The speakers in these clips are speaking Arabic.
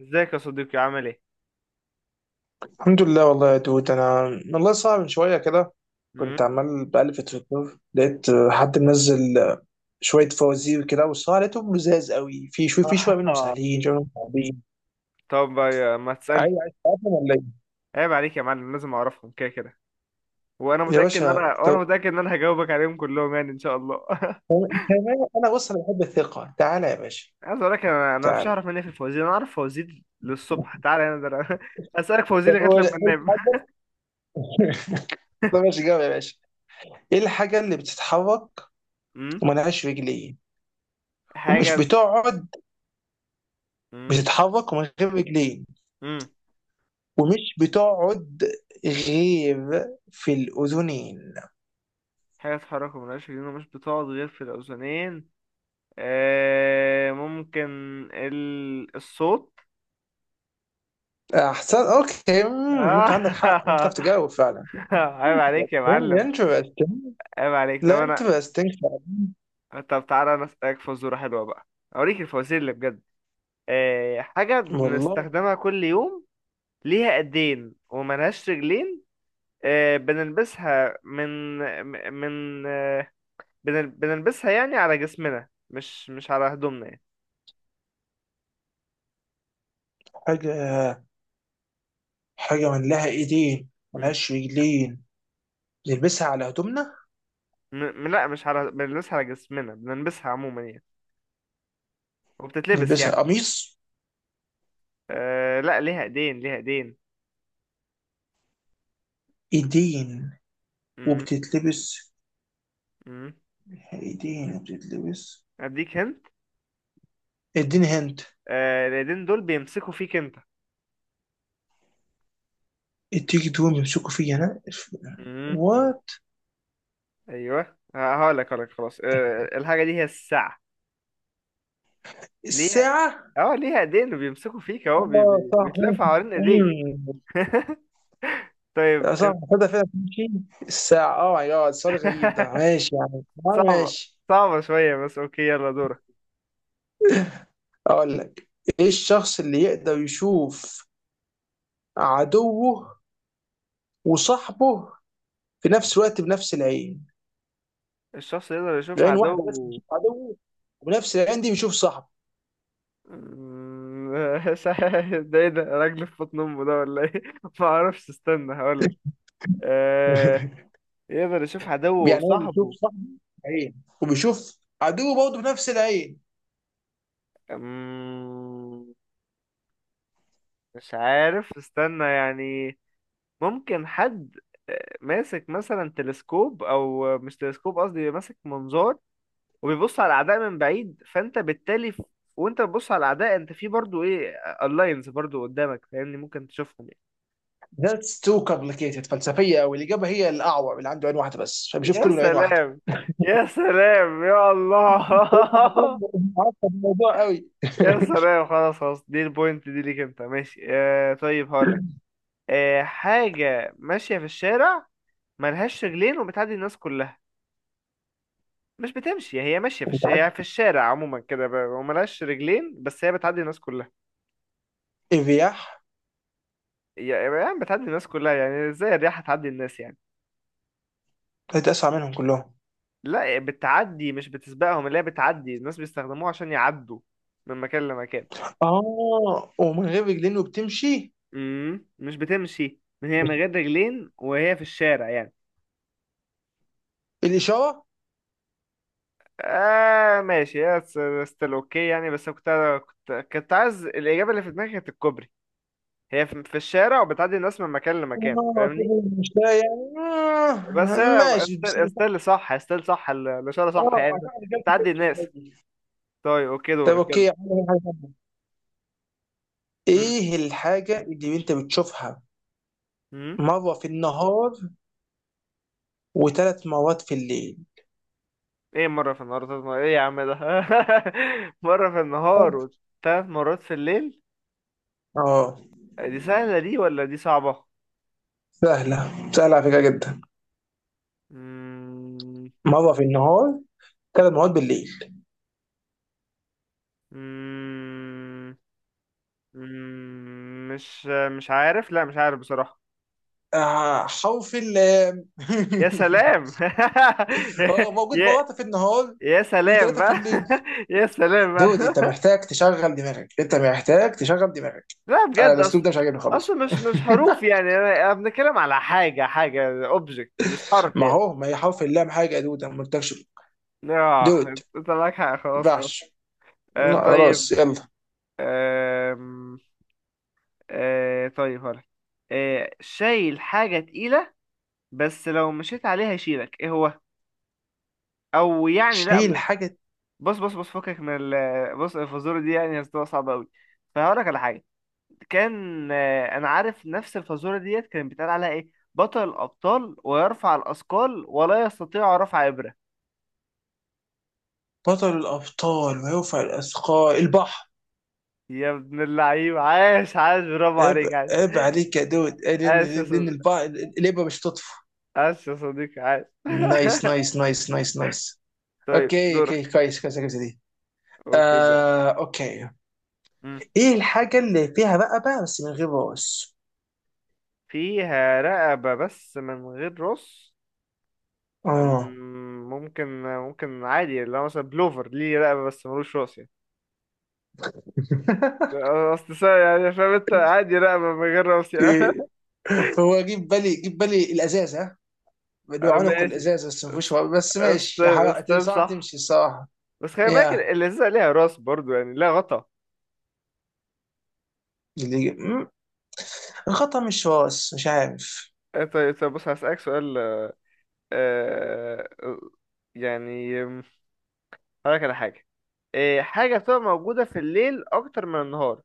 ازيك يا صديقي، عامل ايه؟ الحمد لله والله يا دود، انا والله صعب من شويه كده. مم؟ كنت عمال بقلب في تويتر، لقيت حد منزل شويه فوازير كده، والصراحه لقيتهم لزاز قوي، في شويه منهم آه. سهلين، شويه منهم صعبين. طب ما عايز تسألني. عايز تعرفهم ولا ايه؟ عيب عليك يا معلم، لازم اعرفهم كده كده. يا باشا، وانا طب متأكد ان انا هجاوبك عليهم كلهم يعني ان شاء الله. كمان انا بص، انا بحب الثقه، تعالى يا باشا. عايز اقول لك، انا مفيش تعالى، اعرف مني في الفوازير. انا اعرف فوازير للصبح، تعالى هنا، ده انا اسألك فوازير طب لغاية قول لما إيه انام. الحاجه. طب ماشي، جاوب يا باشا. ايه الحاجه اللي بتتحرك مم؟ وملهاش رجلين ومش حاجة. بتقعد؟ مم؟ بتتحرك ومن غير رجلين، مم؟ ومش بتقعد غير في الأذنين. حاجة تتحرك وملهاش رجلين ومش بتقعد غير في الأذنين. آه ممكن الصوت. أحسن، أوكي، ممكن عندك حق، آه. ممكن تعرف تجاوب فعلا. عيب عليك يا interesting معلم. interesting. عيب عليك. طب لا، انا، interesting فعلا. طب تعالى انا اسالك فزوره حلوه بقى. اوريك الفوازير اللي بجد. حاجه والله. بنستخدمها كل يوم، ليها ايدين وملهاش رجلين. بنلبسها من من بنلبسها يعني على جسمنا، مش على هدومنا يعني. حاجة حاجة من لها إيدين مم. ملهاش رجلين، نلبسها على هدومنا؟ م... لا، مش على، بنلبسها على جسمنا، بنلبسها عموما يعني، وبتتلبس نلبسها يعني. قميص؟ لا، ليها ايدين، ليها ايدين. إيدين مم. وبتتلبس مم. إيدين وبتتلبس. اديك هنت. إديني هنت. الايدين دول بيمسكوا فيك انت. التيك دوم يمسكوا فيا أنا، مم. وات. ايوه. هقولك خلاص، الحاجه دي هي الساعه. ليها، الساعة، اه ليها ايدين وبيمسكوا فيك اهو، اه صح، بيتلف ممكن. حوالين ايديك. صح، طيب. تصدق فعلا تمشي الساعة؟ اه ماي جاد، سؤال غريب ده، ماشي يعني، صعبه، ماشي. صعبه شويه بس اوكي، يلا دورك. اقول لك، ايه الشخص اللي يقدر يشوف عدوه وصاحبه في نفس الوقت بنفس العين؟ الشخص يقدر يشوف العين واحدة بس عدو. بيشوف عدوه، وبنفس العين دي بيشوف صاحبه. مم، ده ايه ده؟ راجل في بطن امه ده ولا ايه؟ ما اعرفش، استنى هقولك. آه... يقدر يشوف عدوه يعني هو بيشوف وصاحبه. صاحبه عين، وبيشوف عدوه برضه بنفس العين. مم، مش عارف، استنى يعني. ممكن حد ماسك مثلا تلسكوب، او مش تلسكوب قصدي، بيبقى ماسك منظار وبيبص على الاعداء من بعيد، فانت بالتالي وانت بتبص على الاعداء، انت في برضو ايه، اللاينز برضو قدامك، فاهمني؟ ممكن تشوفهم That's too complicated، فلسفية أوي. الإجابة هي الأعور اللي عنده عين واحدة بس، يعني. فبيشوف يا كله من عين واحدة. سلام، يا سلام يا الله. أنت عارف الموضوع قوي. يا سلام. خلاص خلاص، دي البوينت دي ليك انت، ماشي. طيب هقولك. حاجة ماشية في الشارع، ملهاش رجلين وبتعدي الناس كلها. مش بتمشي، هي ماشية أنت عارف، هي في الشارع عموما كده، وملهاش رجلين، بس هي بتعدي الناس كلها. الرياح. يعني بتعدي الناس كلها. يعني ازاي الرياح هتعدي الناس يعني؟ كانت اسرع منهم كلهم. لا، بتعدي مش بتسبقهم، اللي هي بتعدي الناس بيستخدموها عشان يعدوا من مكان لمكان. اه، ومن غير رجلين وبتمشي؟ مش بتمشي، هي من مش غير رجلين وهي في الشارع يعني. الاشاره؟ آه، ماشي يا، ستيل اوكي يعني، بس كنت، كنت عايز الإجابة اللي في دماغي، كانت الكوبري. هي في الشارع وبتعدي الناس من مكان لمكان، اه فاهمني؟ كده، مش لا يعني، بس أنا ماشي استل بس. استل صح استل صح، الإشارة صح اه، يعني. أعتقد جت تعدي بتمشي الناس. عادي. طيب أوكي، طب دورك اوكي يلا. يا عم، حاجة تانية. مم. ايه الحاجه اللي انت بتشوفها مم. مره في النهار وثلاث مرات في الليل؟ إيه؟ مرة في النهار وثلاث مرات، إيه يا عم ده؟ مرة في النهار وثلاث مرات في الليل. اه، دي سهلة دي ولا دي صعبة؟ سهله، سهله على فكره جدا. مم. مره في النهار، 3 مرات بالليل. مم. مم. مش عارف، لا مش عارف بصراحة. حرف ال. يا سلام. يا موجود يا مرات في النهار يا سلام وثلاثه في بقى. الليل. يا سلام بقى. دود، انت محتاج تشغل دماغك، انت محتاج تشغل دماغك. لا انا بجد، الاسلوب اصل، ده مش عاجبني خالص. مش حروف يعني، انا بنتكلم على حاجه، حاجه اوبجكت مش حرف ما يعني. هو، ما هي حرف اللام حاجه، يا دود انا ما قلتلكش. اه، دود، انت معاك حق، ما خلاص خلاص. ينفعش. آه لا، طيب. خلاص يلا. آم، آه طيب هقول. شايل حاجه تقيله، بس لو مشيت عليها يشيلك، ايه هو؟ او يعني لا شيل حاجه. بص بص بص، فكك من بص، الفزوره دي يعني هتبقى صعبه قوي، فهقول لك على حاجه. كان انا عارف نفس الفازوره ديت كان بيتقال عليها ايه، بطل الابطال ويرفع الاثقال ولا يستطيع رفع ابره. بطل الابطال ويرفع الاثقال، البحر. يا ابن اللعيب، عاش عاش، برافو عيب، عليك عاش. عيب عليك يا دود، لان عاش يا لان صديقي، البحر الابره مش تطفو. عاش يا صديقي، عاش. نايس نايس نايس نايس نايس. طيب اوكي اوكي، دورك. كويس كويس كويس دي. اوكي دورك. آه، اوكي. مم. ايه الحاجه اللي فيها بقى بس من غير راس؟ فيها رقبة بس من غير راس. اه. ممكن عادي، اللي هو مثلا بلوفر ليه رقبة بس ملوش راس يعني. أصل يعني فاهم انت؟ عادي رقبة من غير راس يعني. هو جيب بالي، جيب بالي، الازازه. اللي هو آه، عنق ماشي. الازازه، بس ما فيهوش ورق. بس ماشي، يا استيل حرام استيل صح، صح. تمشي الصراحه. بس خلي بالك، يا، اللذيذة ليها راس برضو يعني، لا غطا. مم. الخطأ، مش راس، مش عارف. آه، طيب طيب، بص هسألك سؤال. آه، يعني هقولك على حاجة. حاجة بتبقى موجودة في الليل أكتر من النهار،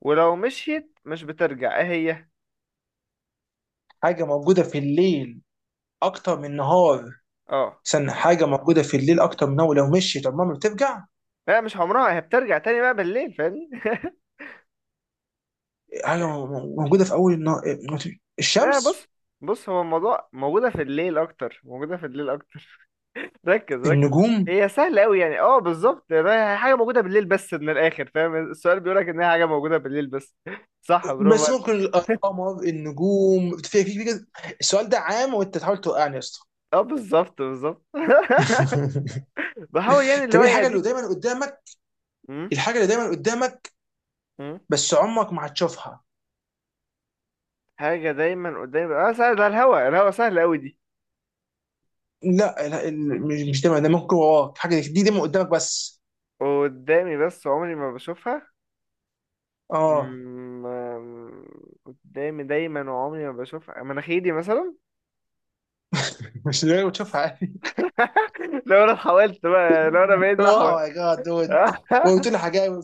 ولو مشيت مش بترجع، إيه هي؟ حاجه موجوده في الليل اكتر من النهار. اه استنى، حاجه موجوده في الليل اكتر من النهار، لو مشيت عمرها ما بترجع. لا، مش عمرها، هي بترجع تاني بقى بالليل، فاهمني؟ حاجه موجوده في اول النهار؟ لا الشمس؟ بص، بص هو الموضوع، موجودة في الليل أكتر، موجودة في الليل أكتر. ركز ركز. النجوم؟ هي سهلة أوي يعني. اه بالظبط، هي حاجة موجودة بالليل بس، من الآخر. فاهم السؤال بيقولك إن هي حاجة موجودة بالليل بس؟ صح، برافو بس عليك. ممكن القمر، النجوم، في كده. السؤال ده عام، وانت تحاول توقعني يا اسطى. اه بالظبط بالظبط. بحاول يعني، اللي طب، هو ايه إيه الحاجه اللي أديك. دايما قدامك م- الحاجه اللي دايما قدامك، م- بس عمرك ما هتشوفها. حاجة دايما قدامي. اه سهل، ده الهوا، سهل أوي دي. لا، لا، مش دايما، ده ممكن وراك حاجه، دي دايما قدامك بس. قدامي بس عمري ما بشوفها. اه. م- م- قدامي دايما وعمري ما بشوفها، مناخيري مثلا. مش دايما بتشوفها عادي. لو أنا حاولت بقى، لو أنا بقيت اوه أحول. ماي جاد دود، وقلت لي حاجه.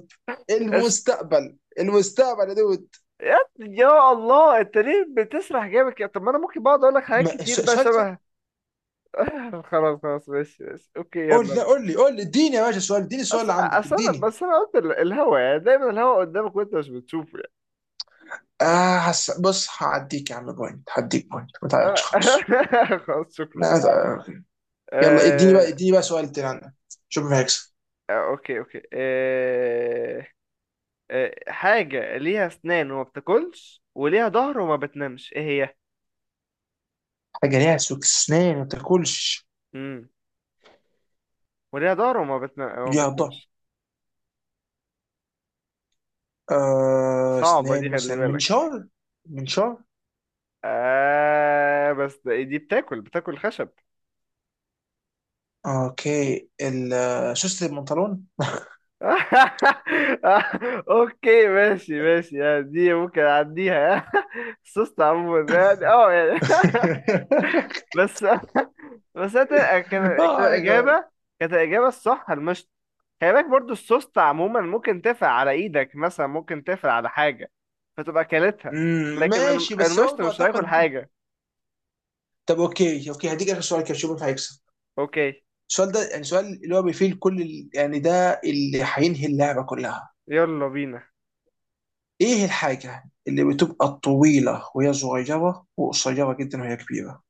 المستقبل، المستقبل يا دود. يا الله، انت ليه بتسرح جامد كده؟ طب ما انا ممكن بقعد اقول لك حاجات كتير بقى سؤال سهل. شبه. خلاص خلاص، ماشي ماشي اوكي، قول، يلا. لا قول لي، قول لي، اديني يا باشا السؤال، اديني السؤال اللي اصل عندك، اصل انا، اديني. بس انا قلت الهوا، يعني دايما الهوا قدامك وانت مش بتشوفه. اه، بص، هعديك يا عم بوينت، هديك بوينت، ما تعيطش خلاص. يعني خلاص شكرا. ما تع- يلا، اديني بقى، آه... اديني بقى سؤال تاني عندك، شوف مين هيكسب. اوكي اوكي. حاجة ليها اسنان وما بتاكلش وليها ظهر وما بتنامش، ايه هي؟ حاجه ليها سوكسنان ما تاكلش؟ امم وليها ظهر وما وما يا ضهر. بتنامش. صعبة دي، اسنان، خلي مثلا بالك. منشار. منشار. بس دي بتاكل خشب. اوكي، سوست البنطلون. اوكي ماشي ماشي يعني، دي ممكن اعديها. سوست عموما يعني، اه يعني. بس، بس أنت- كان اه كان ماي جاد. الاجابه كانت الاجابه الصح المشط. خلي بالك برضو السوست عموما ممكن تقفل على ايدك مثلا، ممكن تقفل على حاجه، فتبقى كلتها. لكن ماشي، بس المشط برضه مش هياكل اعتقد. حاجه. طب، اوكي اوكي، هديك اخر سؤال كده، شوف مين هيكسب. اوكي، السؤال ده يعني سؤال اللي هو بيفيل كل يعني ده اللي هينهي اللعبه كلها. يلا بينا. ايه الحاجه اللي بتبقى طويله وهي صغيره، وقصيره جدا وهي كبيره؟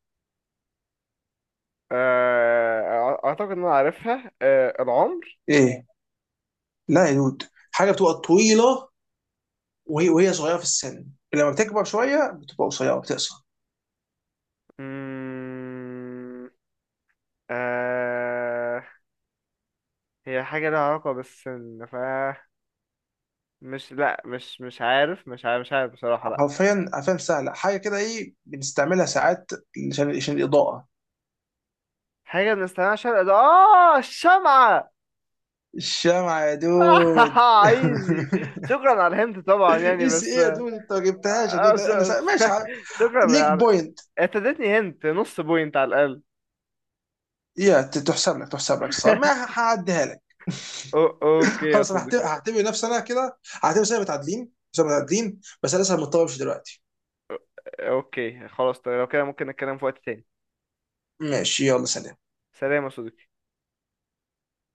آه، اعتقد ان انا عارفها، آه، العمر. ايه؟ لا يا دود، حاجه بتبقى طويله وهي صغيره في السن، لما بتكبر شويه بتبقى قصيره، بتقصر. مم، آه، هي حاجة لها علاقة بالسن، ف، مش، لا مش عارف، مش عارف مش عارف بصراحة، لا. حرفيا حرفيا سهله، حاجه كده، ايه بنستعملها ساعات عشان الاضاءه. حاجة بنستخدمها عشان ده، الشمعة. الشمعة يا دود. عايزي. شكرا على الهنت طبعا يعني، اي سي بس. ايه يا دود، انت ما جبتهاش، يا آه دود ش... انا ش- ماشي شكرا ليك يعني. بوينت. انت اديتني هنت نص بوينت على الأقل. يا، تحسب لك، تحسب لك صار، ما هعديها لك. اوكي يا خلاص، انا صديقي. هعتبر نفسي انا كده. هعتبر سنه متعادلين، سنه متعادلين، بس انا لسه مضطر امشي دلوقتي. اوكي خلاص، طيب لو كده ممكن نتكلم في وقت تاني. ماشي، يلا سلام. سلام يا صديقي.